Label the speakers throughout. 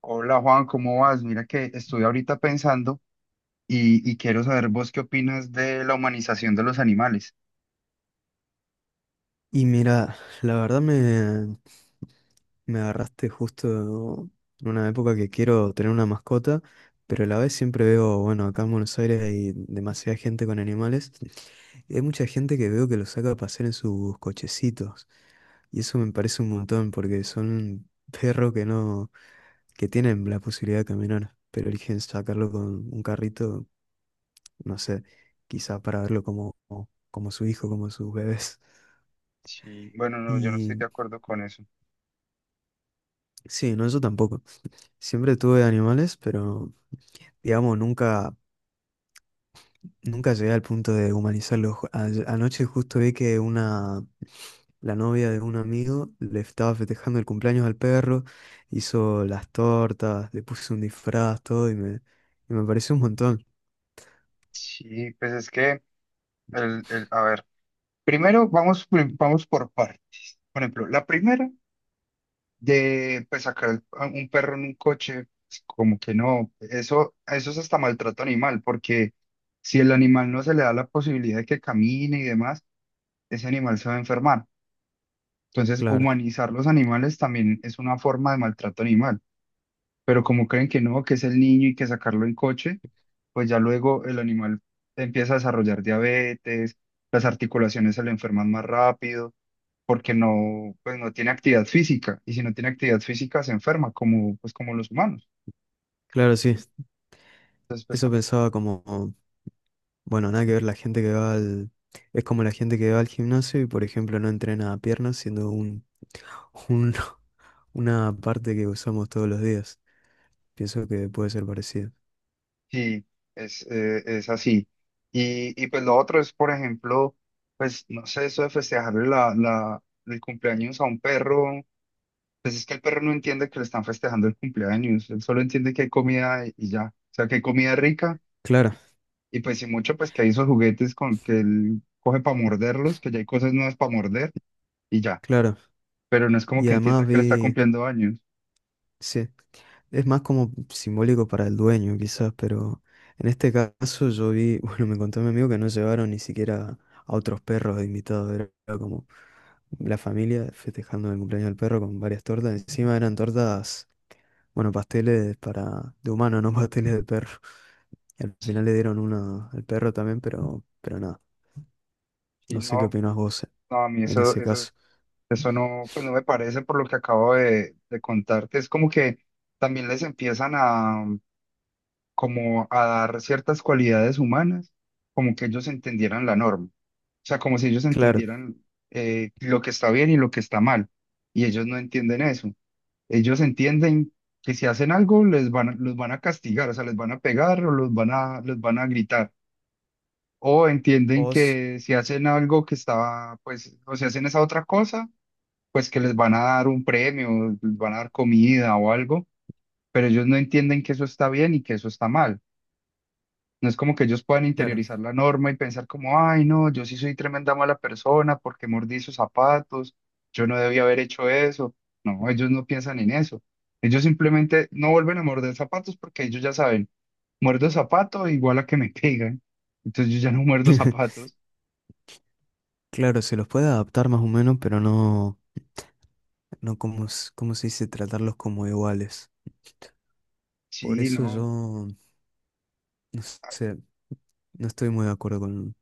Speaker 1: Hola Juan, ¿cómo vas? Mira que estoy ahorita pensando y quiero saber vos qué opinas de la humanización de los animales.
Speaker 2: Y mira, la verdad me agarraste justo en una época que quiero tener una mascota, pero a la vez siempre veo, bueno, acá en Buenos Aires hay demasiada gente con animales y hay mucha gente que veo que los saca a pasear en sus cochecitos. Y eso me parece un montón porque son perros que no, que tienen la posibilidad de caminar, pero eligen sacarlo con un carrito, no sé, quizá para verlo como, como su hijo, como sus bebés.
Speaker 1: Sí, bueno, no, yo no estoy de
Speaker 2: Y
Speaker 1: acuerdo con eso.
Speaker 2: sí, no, yo tampoco. Siempre tuve animales, pero digamos, nunca llegué al punto de humanizarlos. Anoche justo vi que una, la novia de un amigo le estaba festejando el cumpleaños al perro, hizo las tortas, le puso un disfraz, todo, y me pareció un montón.
Speaker 1: Sí, pues es que, a ver, primero vamos por partes. Por ejemplo, la primera de pues, sacar a un perro en un coche, pues, como que no, eso es hasta maltrato animal, porque si el animal no se le da la posibilidad de que camine y demás, ese animal se va a enfermar. Entonces,
Speaker 2: Claro,
Speaker 1: humanizar los animales también es una forma de maltrato animal, pero como creen que no, que es el niño y que sacarlo en coche, pues ya luego el animal empieza a desarrollar diabetes, las articulaciones se le enferman más rápido, porque no, pues no tiene actividad física, y si no tiene actividad física se enferma, como, pues como los humanos.
Speaker 2: claro, sí.
Speaker 1: Entonces, pues
Speaker 2: Eso
Speaker 1: también,
Speaker 2: pensaba como, bueno, nada que ver la gente que va al... Es como la gente que va al gimnasio y, por ejemplo, no entrena piernas, un- una parte que usamos todos los días. Pienso que puede ser parecido.
Speaker 1: sí, es así. Y pues lo otro es, por ejemplo, pues no sé, eso de festejarle el cumpleaños a un perro. Pues es que el perro no entiende que le están festejando el cumpleaños, él solo entiende que hay comida y ya, o sea, que hay comida rica
Speaker 2: Claro,
Speaker 1: y pues si mucho, pues que hay esos juguetes con que él coge para morderlos, que ya hay cosas nuevas para morder y ya,
Speaker 2: claro.
Speaker 1: pero no es como
Speaker 2: Y
Speaker 1: que entienda
Speaker 2: además
Speaker 1: que le está
Speaker 2: vi,
Speaker 1: cumpliendo años.
Speaker 2: sí, es más como simbólico para el dueño quizás, pero en este caso yo vi, bueno, me contó mi amigo que no llevaron ni siquiera a otros perros de invitados, era como la familia festejando el cumpleaños del perro con varias tortas, encima eran tortas, bueno, pasteles para de humano, no pasteles de perro. Y al
Speaker 1: Sí,
Speaker 2: final le dieron una al perro también, pero nada,
Speaker 1: sí,
Speaker 2: no sé qué
Speaker 1: no,
Speaker 2: opinás vos
Speaker 1: no, a mí
Speaker 2: en ese caso.
Speaker 1: eso no, pues no me parece por lo que acabo de contarte, es como que también les empiezan a, como a dar ciertas cualidades humanas, como que ellos entendieran la norma. O sea, como si ellos
Speaker 2: Claro.
Speaker 1: entendieran lo que está bien y lo que está mal. Y ellos no entienden eso. Ellos entienden que si hacen algo les los van a castigar, o sea, les van a pegar o los los van a gritar. O entienden
Speaker 2: Os,
Speaker 1: que si hacen algo que está, pues, o si hacen esa otra cosa, pues que les van a dar un premio, les van a dar comida o algo. Pero ellos no entienden que eso está bien y que eso está mal. No es como que ellos puedan
Speaker 2: claro.
Speaker 1: interiorizar la norma y pensar como, ay, no, yo sí soy tremenda mala persona porque mordí esos zapatos, yo no debía haber hecho eso. No, ellos no piensan en eso. Ellos simplemente no vuelven a morder zapatos porque ellos ya saben, muerdo zapato igual a que me pegan. Entonces yo ya no muerdo zapatos.
Speaker 2: Claro, se los puede adaptar más o menos, pero no como, s- ¿cómo se dice? Tratarlos como iguales. Por
Speaker 1: Sí,
Speaker 2: eso
Speaker 1: no,
Speaker 2: yo, no sé, no estoy muy de acuerdo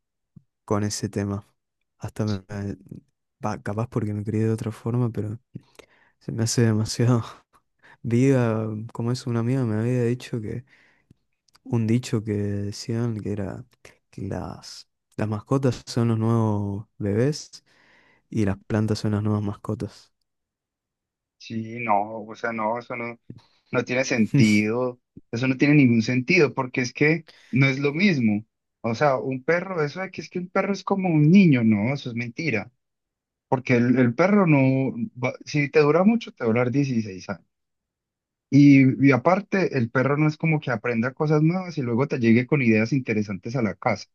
Speaker 2: con ese tema. Hasta me,
Speaker 1: sí,
Speaker 2: me- va, capaz porque me crié de otra forma, pero se me hace demasiado. Vi como es una amiga, me había dicho que un dicho que decían que era que las mascotas son los nuevos bebés y las plantas son las nuevas mascotas.
Speaker 1: sí, no, o sea, no, eso no. No tiene sentido, eso no tiene ningún sentido, porque es que no es lo mismo. O sea, un perro, eso de que es que un perro es como un niño, no, eso es mentira, porque el perro no, si te dura mucho, te va a durar 16 años. Y aparte, el perro no es como que aprenda cosas nuevas y luego te llegue con ideas interesantes a la casa.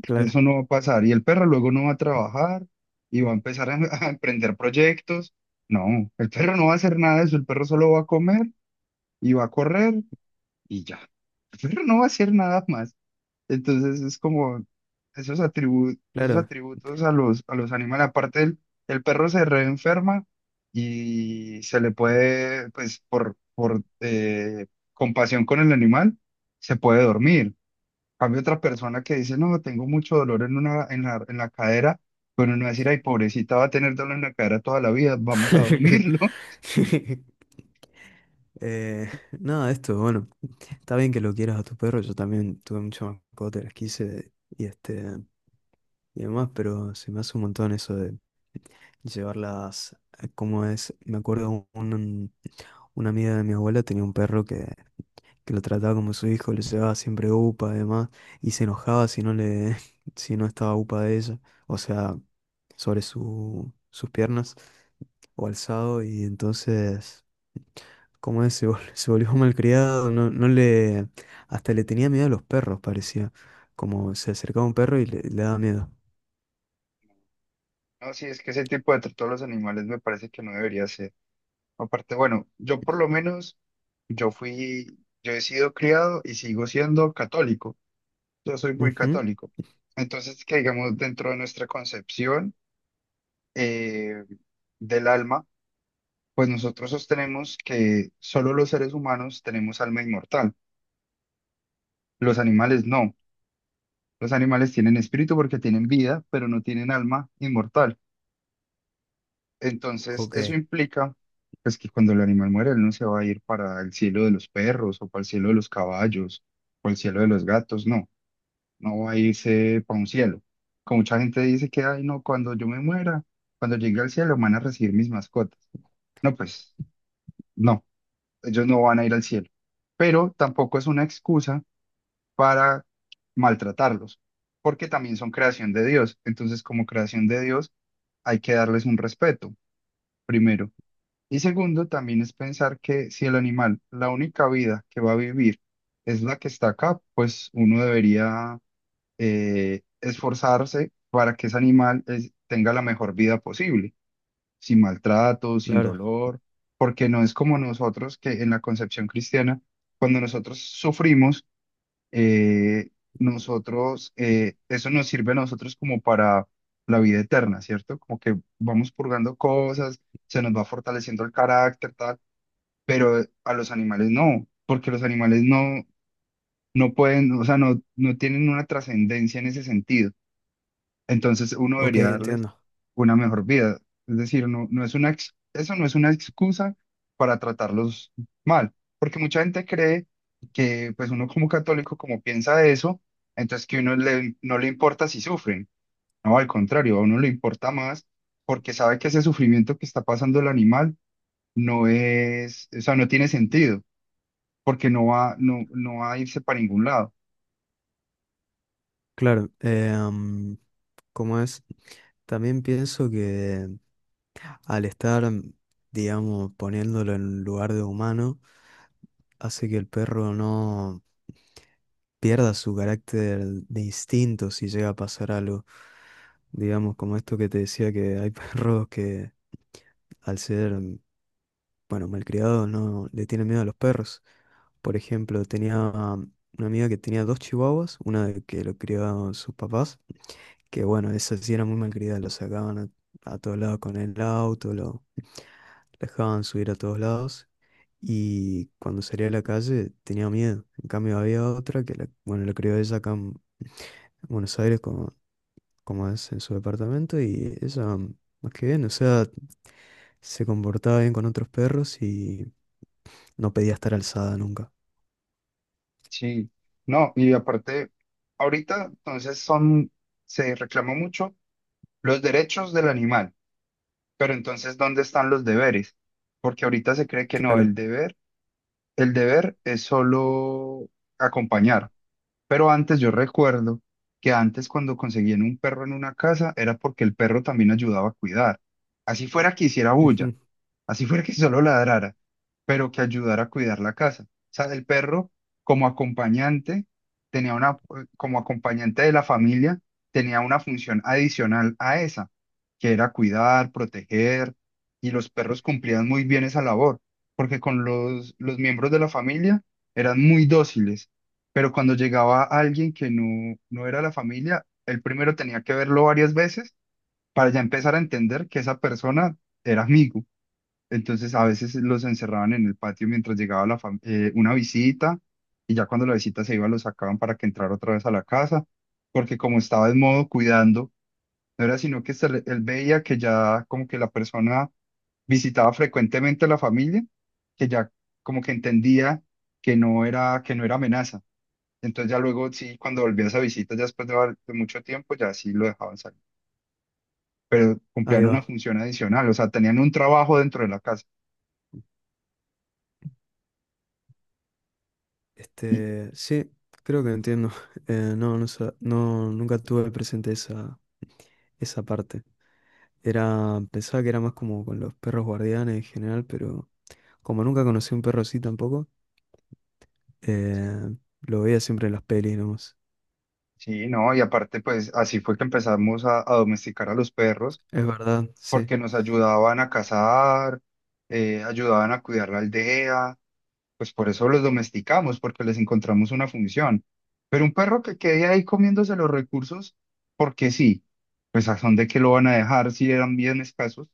Speaker 2: Claro,
Speaker 1: Eso no va a pasar. Y el perro luego no va a trabajar y va a empezar a, a emprender proyectos. No, el perro no va a hacer nada de eso. El perro solo va a comer y va a correr y ya. Pero no va a hacer nada más. Entonces es como esos
Speaker 2: claro.
Speaker 1: atributos a a los animales. Aparte, el perro se reenferma y se le puede, pues por compasión con el animal, se puede dormir. Cambio otra persona que dice, no, tengo mucho dolor en la cadera, pero no va a decir, ay, pobrecita, va a tener dolor en la cadera toda la vida, vamos a dormirlo.
Speaker 2: Eh, nada, esto, bueno, está bien que lo quieras a tu perro, yo también tuve muchas mascotas, las quise y este y demás, pero se me hace un montón eso de llevarlas, como es, me acuerdo un, una amiga de mi abuela tenía un perro que lo trataba como su hijo, le llevaba siempre upa, además, y se enojaba si no le, si no estaba upa de ella, o sea, sobre su, sus piernas o alzado, y entonces, como es, se volvió malcriado, no, no le, hasta le tenía miedo a los perros, parecía, como se acercaba un perro y le daba miedo.
Speaker 1: No, sí, es que ese tipo de trato a los animales me parece que no debería ser. Aparte, bueno, yo por lo menos, yo fui, yo he sido criado y sigo siendo católico. Yo soy muy
Speaker 2: Ujú.
Speaker 1: católico. Entonces, que digamos, dentro de nuestra concepción eh, del alma, pues nosotros sostenemos que solo los seres humanos tenemos alma inmortal. Los animales no. Los animales tienen espíritu porque tienen vida, pero no tienen alma inmortal. Entonces,
Speaker 2: Ok,
Speaker 1: eso implica pues, que cuando el animal muere, él no se va a ir para el cielo de los perros o para el cielo de los caballos o el cielo de los gatos, no, no va a irse para un cielo. Como mucha gente dice que, ay, no, cuando yo me muera, cuando llegue al cielo van a recibir mis mascotas. No, pues no, ellos no van a ir al cielo. Pero tampoco es una excusa para maltratarlos, porque también son creación de Dios. Entonces, como creación de Dios, hay que darles un respeto primero. Y segundo, también es pensar que si el animal, la única vida que va a vivir es la que está acá, pues uno debería esforzarse para que ese animal tenga la mejor vida posible, sin maltrato, sin
Speaker 2: claro,
Speaker 1: dolor, porque no es como nosotros que en la concepción cristiana, cuando nosotros sufrimos, eh, nosotros, eso nos sirve a nosotros como para la vida eterna, ¿cierto? Como que vamos purgando cosas, se nos va fortaleciendo el carácter, tal pero a los animales no, porque los animales no, no pueden, o sea, no, no tienen una trascendencia en ese sentido. Entonces uno
Speaker 2: ok,
Speaker 1: debería darles
Speaker 2: entiendo.
Speaker 1: una mejor vida. Es decir, no, no es una, eso no es una excusa para tratarlos mal, porque mucha gente cree que pues uno como católico, como piensa eso, entonces que uno le, no le importa si sufren. No, al contrario, a uno le importa más porque sabe que ese sufrimiento que está pasando el animal no es, o sea, no tiene sentido porque no va, no, no va a irse para ningún lado.
Speaker 2: Claro, ¿cómo es? También pienso que al estar, digamos, poniéndolo en lugar de humano, hace que el perro no pierda su carácter de instinto si llega a pasar algo. Digamos, como esto que te decía que hay perros que al ser, bueno, malcriados no le tienen miedo a los perros. Por ejemplo, tenía una amiga que tenía dos chihuahuas, una de que lo criaban sus papás. Que bueno, eso sí era muy malcriada, a todos lados con el auto, lo dejaban subir a todos lados. Y cuando salía a la calle tenía miedo. En cambio había otra que, la, bueno, la crió ella acá en Buenos Aires como, como es en su departamento y ella, más que bien, o sea, se comportaba bien con otros perros y no pedía estar alzada nunca.
Speaker 1: Sí, no, y aparte, ahorita entonces son, se reclama mucho los derechos del animal, pero entonces, ¿dónde están los deberes? Porque ahorita se cree que no,
Speaker 2: Claro.
Speaker 1: el deber es solo acompañar, pero antes yo recuerdo que antes cuando conseguían un perro en una casa era porque el perro también ayudaba a cuidar, así fuera que hiciera bulla,
Speaker 2: Ujú.
Speaker 1: así fuera que solo ladrara, pero que ayudara a cuidar la casa. O sea, el perro como acompañante tenía una, como acompañante de la familia, tenía una función adicional a esa, que era cuidar, proteger, y los perros cumplían muy bien esa labor, porque con los miembros de la familia eran muy dóciles, pero cuando llegaba alguien que no era la familia, el primero tenía que verlo varias veces para ya empezar a entender que esa persona era amigo. Entonces a veces los encerraban en el patio mientras llegaba la una visita y ya cuando la visita se iba los sacaban para que entrara otra vez a la casa, porque como estaba en modo cuidando, no era sino que se él veía que ya como que la persona visitaba frecuentemente a la familia, que ya como que entendía que no era amenaza. Entonces ya luego sí, cuando volvía esa visita, ya después de, de mucho tiempo, ya sí lo dejaban salir, pero
Speaker 2: Ahí
Speaker 1: cumplían una
Speaker 2: va.
Speaker 1: función adicional, o sea, tenían un trabajo dentro de la casa.
Speaker 2: Este, sí, creo que entiendo. No, no, nunca tuve presente esa, esa parte. Era, pensaba que era más como con los perros guardianes en general, pero como nunca conocí un perro así tampoco, eh, lo veía siempre en las pelis nomás.
Speaker 1: Sí, no, y aparte, pues así fue que empezamos a domesticar a los perros,
Speaker 2: Es verdad, sí.
Speaker 1: porque nos ayudaban a cazar, ayudaban a cuidar la aldea, pues por eso los domesticamos, porque les encontramos una función. Pero un perro que quede ahí comiéndose los recursos, porque sí, pues a dónde que lo van a dejar si eran bien escasos.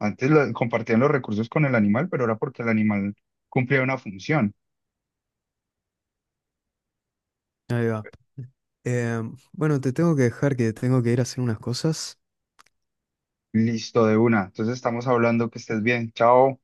Speaker 1: Antes compartían los recursos con el animal, pero era porque el animal cumplía una función.
Speaker 2: Ahí va. Eh, bueno, te tengo que dejar que tengo que ir a hacer unas cosas.
Speaker 1: Listo, de una. Entonces estamos hablando que estés bien. Chao.